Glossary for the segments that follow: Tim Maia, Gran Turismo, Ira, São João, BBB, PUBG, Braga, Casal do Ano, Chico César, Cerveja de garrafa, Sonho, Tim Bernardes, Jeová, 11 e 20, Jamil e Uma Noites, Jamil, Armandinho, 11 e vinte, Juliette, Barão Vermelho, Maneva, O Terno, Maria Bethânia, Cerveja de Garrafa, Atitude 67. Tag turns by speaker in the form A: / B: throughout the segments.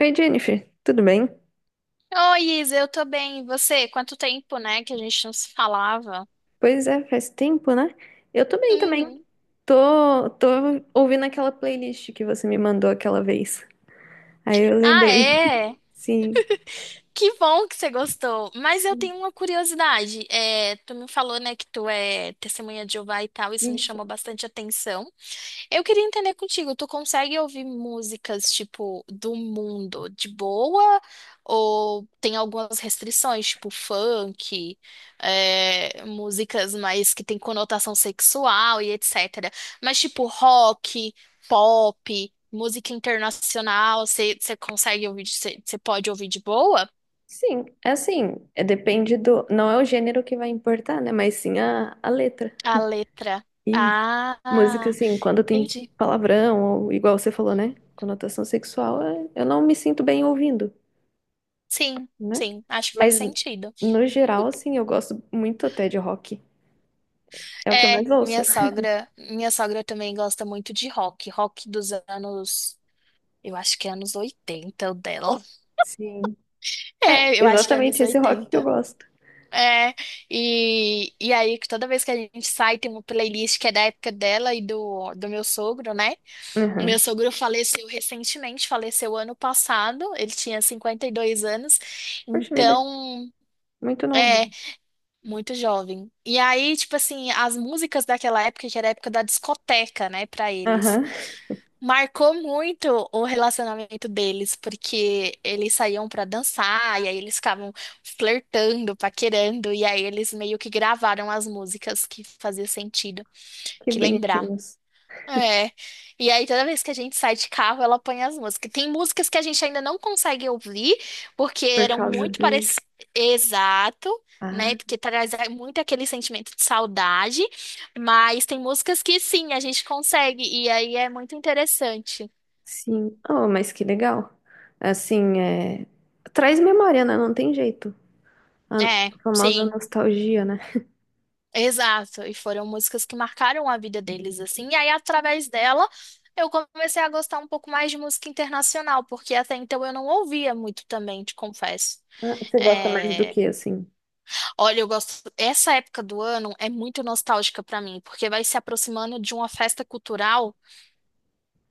A: Oi, Jennifer, tudo bem?
B: Oi, Isa, eu tô bem. E você? Quanto tempo, né, que a gente não se falava?
A: Pois é, faz tempo, né? Eu tô bem também.
B: Uhum.
A: Tô ouvindo aquela playlist que você me mandou aquela vez. Aí eu
B: Ah,
A: lembrei.
B: é?
A: Sim,
B: Que bom que você gostou. Mas eu
A: sim,
B: tenho uma curiosidade. É, tu me falou, né, que tu é testemunha de Jeová e tal, isso me
A: isso.
B: chamou bastante atenção. Eu queria entender contigo, tu consegue ouvir músicas, tipo, do mundo de boa? Ou tem algumas restrições, tipo funk, é, músicas mais que tem conotação sexual e etc. Mas, tipo, rock, pop, música internacional, você consegue ouvir, você pode ouvir de boa?
A: Sim, é assim, é, depende do. Não é o gênero que vai importar, né? Mas sim a letra.
B: A letra.
A: E música,
B: Ah,
A: assim, quando tem
B: entendi.
A: palavrão, ou igual você falou, né? Conotação sexual, eu não me sinto bem ouvindo,
B: Sim,
A: né?
B: sim, acho que faz
A: Mas
B: sentido.
A: no geral, assim, eu gosto muito até de rock. É o que eu
B: É,
A: mais ouço.
B: minha sogra também gosta muito de rock, rock dos anos, eu acho que é anos 80, o dela.
A: Sim. É,
B: É, eu acho que é anos
A: exatamente esse rock que eu
B: 80.
A: gosto.
B: É, e aí que toda vez que a gente sai tem uma playlist que é da época dela e do meu sogro, né? O meu
A: Aham.
B: sogro faleceu recentemente, faleceu ano passado, ele tinha 52 anos,
A: Poxa vida,
B: então
A: muito novo.
B: é muito jovem. E aí, tipo assim, as músicas daquela época, que era a época da discoteca, né, pra eles.
A: Aham.
B: Marcou muito o relacionamento deles, porque eles saíam pra dançar, e aí eles ficavam flertando, paquerando, e aí eles meio que gravaram as músicas que fazia sentido,
A: Que
B: que lembrava.
A: bonitinhos.
B: É. E aí toda vez que a gente sai de carro, ela põe as músicas. Tem músicas que a gente ainda não consegue ouvir, porque
A: Por
B: eram
A: causa
B: muito
A: dele.
B: parecidas. Exato, né?
A: Ah,
B: Porque traz muito aquele sentimento de saudade, mas tem músicas que sim, a gente consegue, e aí é muito interessante.
A: sim. Oh, mas que legal. Assim, é... Traz memória, né? Não tem jeito. A
B: É,
A: famosa
B: sim,
A: nostalgia, né?
B: exato. E foram músicas que marcaram a vida deles, assim. E aí, através dela, eu comecei a gostar um pouco mais de música internacional, porque até então eu não ouvia muito também, te confesso.
A: Ah, você gosta mais do
B: É,
A: que, assim?
B: olha, eu gosto. Essa época do ano é muito nostálgica pra mim, porque vai se aproximando de uma festa cultural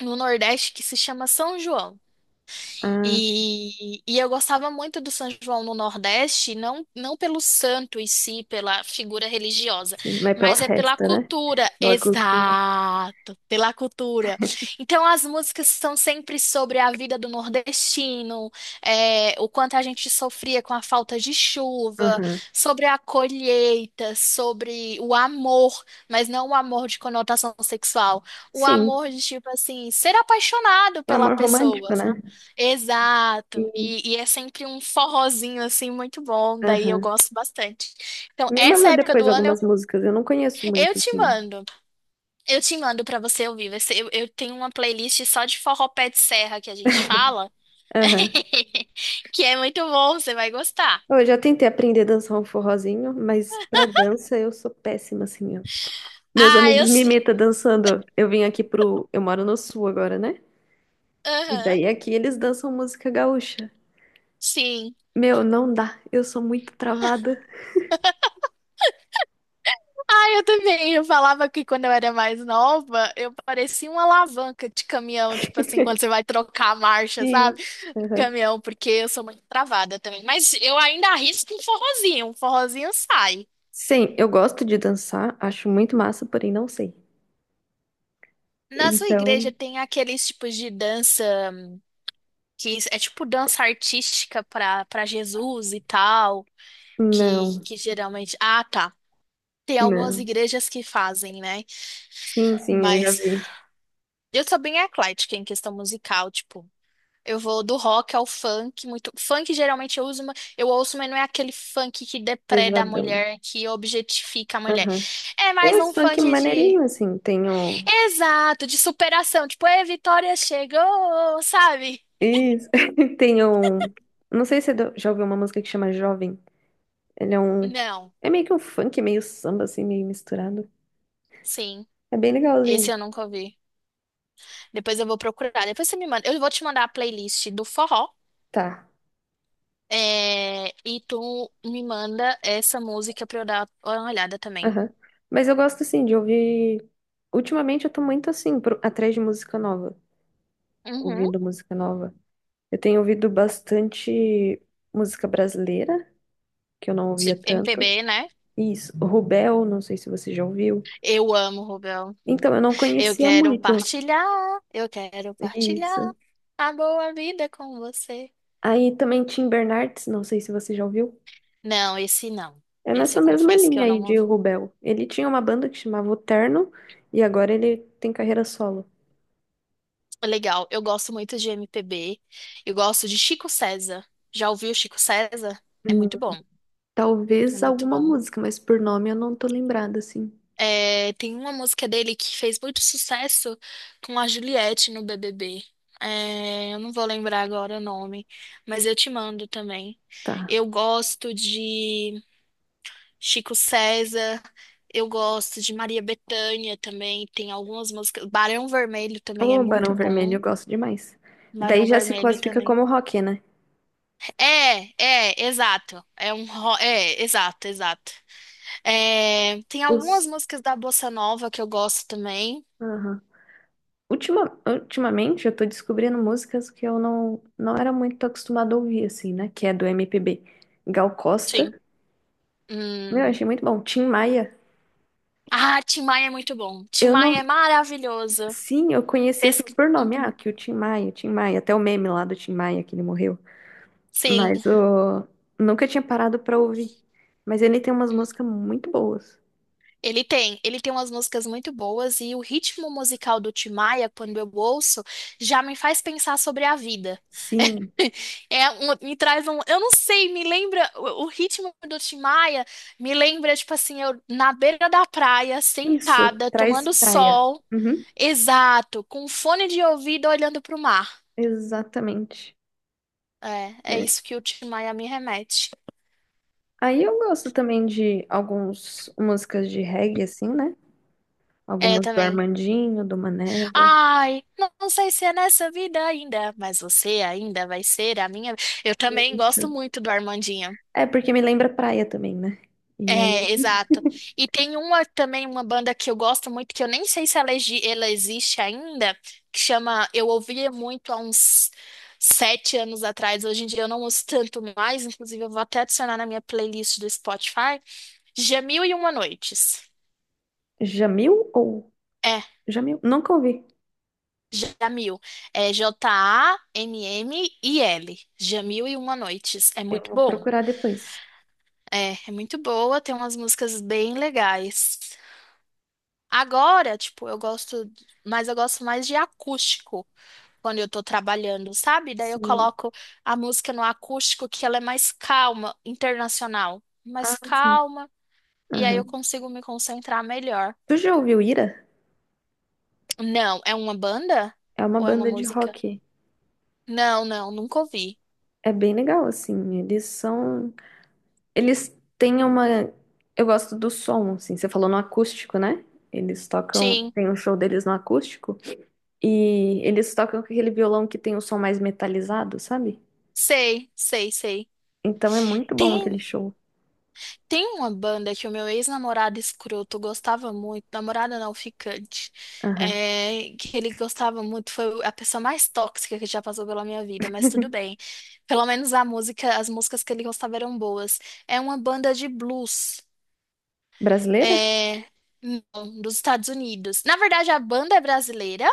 B: no Nordeste que se chama São João.
A: Ah, sim.
B: E eu gostava muito do São João no Nordeste, não, não pelo santo em si, pela figura religiosa,
A: Sim. Mas pela
B: mas é pela
A: festa, né?
B: cultura.
A: Pela cultura.
B: Exato, pela cultura. Então as músicas são sempre sobre a vida do nordestino, é, o quanto a gente sofria com a falta de chuva,
A: Aham.
B: sobre a colheita, sobre o amor, mas não o amor de conotação sexual, o
A: Sim.
B: amor de tipo assim, ser apaixonado
A: O
B: pela
A: amor
B: pessoa.
A: romântico, né?
B: Exato,
A: Sim.
B: e é sempre um forrozinho assim muito bom, daí eu
A: Aham.
B: gosto bastante. Então,
A: Me
B: essa
A: manda
B: época
A: depois
B: do ano
A: algumas músicas, eu não conheço
B: eu
A: muito,
B: te
A: assim.
B: mando, eu te mando pra você ouvir. Eu tenho uma playlist só de forró pé de serra que a gente fala,
A: Aham.
B: que é muito bom, você vai gostar.
A: Eu já tentei aprender a dançar um forrozinho, mas pra dança eu sou péssima, assim. Ó. Meus
B: Ah, eu.
A: amigos me imitam dançando. Eu vim aqui pro. Eu moro no sul agora, né? E
B: Aham,
A: daí aqui eles dançam música gaúcha.
B: sim.
A: Meu, não dá. Eu sou muito travada.
B: Ah, eu também. Eu falava que quando eu era mais nova, eu parecia uma alavanca de caminhão, tipo assim, quando você vai trocar a marcha,
A: Sim.
B: sabe?
A: Aham.
B: Caminhão, porque eu sou muito travada também. Mas eu ainda arrisco um forrozinho sai.
A: Sim, eu gosto de dançar, acho muito massa, porém não sei.
B: Na sua igreja
A: Então,
B: tem aqueles tipos de dança que é tipo dança artística para Jesus e tal, que,
A: não,
B: que geralmente. Ah, tá. Tem algumas
A: não.
B: igrejas que fazem, né?
A: Sim, sim, eu já
B: Mas
A: vi.
B: eu sou bem eclética em questão musical, tipo. Eu vou do rock ao funk, muito. Funk geralmente eu uso, eu ouço, mas não é aquele funk que depreda a
A: Pesadão.
B: mulher, que objetifica a mulher.
A: Aham.
B: É
A: Tem
B: mais
A: uns
B: um
A: funk
B: funk de.
A: maneirinho, assim. Tem o.
B: Exato, de superação. Tipo, é, Vitória chegou, sabe?
A: Isso. Tem o. Não sei se você já ouviu uma música que chama Jovem. Ele é um.
B: Não,
A: É meio que um funk, meio samba, assim, meio misturado.
B: sim.
A: É bem legalzinho.
B: Esse eu nunca ouvi. Depois eu vou procurar. Depois você me manda. Eu vou te mandar a playlist do forró.
A: Tá.
B: É, e tu me manda essa música pra eu dar uma olhada também.
A: Aham. Mas eu gosto, assim, de ouvir. Ultimamente eu tô muito, assim, atrás de música nova.
B: Uhum.
A: Ouvindo música nova. Eu tenho ouvido bastante música brasileira, que eu não ouvia
B: Tipo,
A: tanto.
B: MPB, né?
A: Isso. Rubel, não sei se você já ouviu.
B: Eu amo, Rubel.
A: Então, eu não
B: Eu
A: conhecia
B: quero
A: muito.
B: partilhar, eu quero partilhar
A: Isso.
B: a boa vida com você.
A: Aí também Tim Bernardes, não sei se você já ouviu.
B: Não, esse não.
A: É
B: Esse
A: nessa
B: eu
A: mesma
B: confesso que eu
A: linha aí
B: não
A: de
B: ouvi.
A: Rubel. Ele tinha uma banda que chamava O Terno e agora ele tem carreira solo.
B: É, legal, eu gosto muito de MPB. Eu gosto de Chico César. Já ouviu Chico César? É
A: Hum.
B: muito bom, é
A: Talvez
B: muito
A: alguma
B: bom.
A: música, mas por nome eu não tô lembrada assim.
B: É, tem uma música dele que fez muito sucesso com a Juliette no BBB. É, eu não vou lembrar agora o nome, mas eu te mando também.
A: Tá.
B: Eu gosto de Chico César, eu gosto de Maria Bethânia também. Tem algumas músicas. Barão Vermelho também é
A: O
B: muito
A: Barão Vermelho
B: bom.
A: eu gosto demais. Daí
B: Barão
A: já se
B: Vermelho
A: classifica
B: também.
A: como rock, né?
B: É, exato. É, exato, exato. É, tem algumas
A: Os...
B: músicas da Bossa Nova que eu gosto também.
A: Aham. Ultimamente eu tô descobrindo músicas que eu não era muito acostumada a ouvir, assim, né? Que é do MPB. Gal
B: Sim.
A: Costa. Meu,
B: Hum.
A: achei muito bom. Tim Maia.
B: Ah, Tim Maia é muito bom. Tim
A: Eu não
B: Maia é maravilhoso.
A: Sim, eu conheci assim
B: Pesca...
A: por nome, ah,
B: Uhum.
A: que o Tim Maia, até o meme lá do Tim Maia que ele morreu.
B: Sim,
A: Mas eu nunca tinha parado pra ouvir. Mas ele tem umas músicas muito boas.
B: ele tem. Ele tem umas músicas muito boas e o ritmo musical do Tim Maia, quando eu ouço, já me faz pensar sobre a vida.
A: Sim,
B: É, me traz um. Eu não sei, me lembra. O ritmo do Tim Maia me lembra, tipo assim, eu na beira da praia,
A: isso,
B: sentada,
A: traz
B: tomando
A: praia.
B: sol.
A: Uhum,
B: Exato, com um fone de ouvido olhando pro mar.
A: exatamente.
B: É
A: Né?
B: isso que o Tim Maia me remete.
A: Aí eu gosto também de algumas músicas de reggae, assim, né?
B: É,
A: Algumas do
B: também.
A: Armandinho, do Maneva.
B: Ai, não sei se é nessa vida ainda, mas você ainda vai ser a minha. Eu também gosto
A: Isso.
B: muito do Armandinho.
A: É, porque me lembra praia também, né? E aí,
B: É, exato. E tem uma também, uma banda que eu gosto muito, que eu nem sei se ela existe ainda, que chama. Eu ouvia muito há uns 7 anos atrás, hoje em dia eu não ouço tanto mais, inclusive eu vou até adicionar na minha playlist do Spotify. Jamil e Uma Noites.
A: Jamil ou...
B: É,
A: Jamil? Nunca ouvi.
B: Jamil. É Jammil. Jamil e Uma Noites. É
A: Eu
B: muito
A: vou
B: bom.
A: procurar depois.
B: É muito boa, tem umas músicas bem legais. Agora, tipo, eu gosto, mas eu gosto mais de acústico quando eu tô trabalhando, sabe? Daí eu
A: Sim.
B: coloco a música no acústico que ela é mais calma, internacional,
A: Ah,
B: mais
A: sim.
B: calma, e aí eu
A: Aham.
B: consigo me concentrar melhor.
A: Tu já ouviu Ira?
B: Não, é uma banda
A: É uma
B: ou é uma
A: banda de
B: música?
A: rock.
B: Não, não, nunca ouvi.
A: É bem legal, assim. Eles são. Eles têm uma. Eu gosto do som, assim. Você falou no acústico, né? Eles tocam.
B: Sim,
A: Tem um show deles no acústico. E eles tocam com aquele violão que tem o som mais metalizado, sabe?
B: sei, sei, sei.
A: Então é muito bom aquele show.
B: Tem uma banda que o meu ex-namorado escroto gostava muito, namorada não ficante,
A: Aham.
B: é, que ele gostava muito, foi a pessoa mais tóxica que já passou pela minha vida, mas tudo bem. Pelo menos a música, as músicas que ele gostava eram boas. É uma banda de blues.
A: Brasileira?
B: É, não, dos Estados Unidos. Na verdade, a banda é brasileira,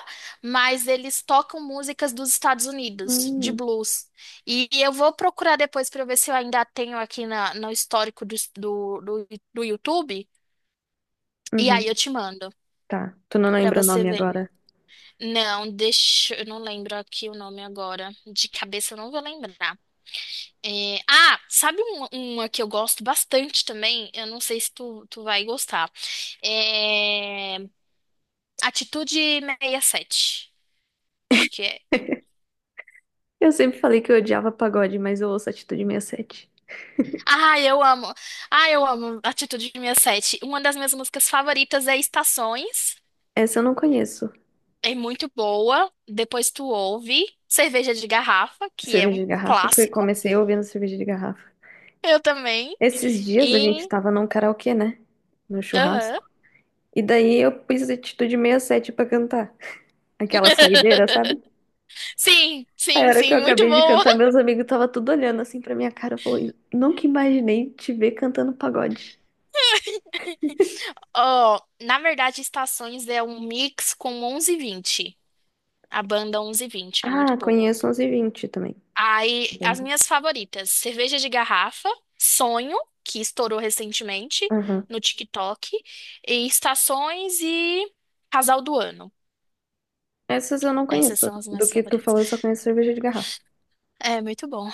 B: mas eles tocam músicas dos Estados Unidos, de
A: Hum.
B: blues. E eu vou procurar depois para ver se eu ainda tenho aqui no histórico do YouTube. E aí
A: Uhum.
B: eu te mando
A: Tá. Tu não
B: para
A: lembra o
B: você
A: nome
B: ver.
A: agora?
B: Não, deixa, eu não lembro aqui o nome agora. De cabeça eu não vou lembrar. É, ah, sabe uma que eu gosto bastante também? Eu não sei se tu vai gostar. É, Atitude 67. Acho que é.
A: Eu sempre falei que eu odiava pagode, mas eu ouço Atitude 67.
B: Ah, eu amo. Ah, eu amo Atitude 67. Uma das minhas músicas favoritas é Estações.
A: Essa eu não conheço.
B: É muito boa. Depois tu ouve Cerveja de Garrafa, que é
A: Cerveja
B: um
A: de garrafa, foi,
B: clássico.
A: comecei ouvindo cerveja de garrafa.
B: Eu também.
A: Esses dias a gente
B: E.
A: tava num karaokê, né? No
B: Aham.
A: churrasco. E daí eu pus atitude 67 pra cantar. Aquela saideira, sabe?
B: Sim,
A: A
B: sim,
A: hora que eu
B: sim, muito
A: acabei de
B: boa.
A: cantar, meus amigos estavam tudo olhando assim pra minha cara. Falou, "Eu nunca imaginei te ver cantando pagode."
B: Ó, na verdade, Estações é um mix com 11 e 20. A banda 11 e 20 é muito
A: Ah,
B: boa.
A: conheço 11 e vinte também.
B: Aí, as
A: Banda.
B: minhas favoritas: cerveja de garrafa, Sonho, que estourou recentemente
A: Aham.
B: no TikTok, e Estações e Casal do Ano.
A: Essas eu não
B: Essas
A: conheço.
B: são as
A: Do
B: minhas
A: que tu
B: favoritas.
A: falou, eu só conheço cerveja de garrafa.
B: É muito bom.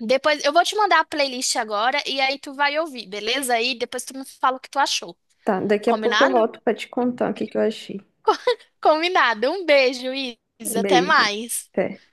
B: Depois eu vou te mandar a playlist agora e aí tu vai ouvir, beleza? Aí depois tu me fala o que tu achou.
A: Tá, daqui a pouco eu
B: Combinado?
A: volto pra te contar o que que eu achei.
B: Combinado. Um beijo, Isa. Até
A: Beijo.
B: mais.
A: Até.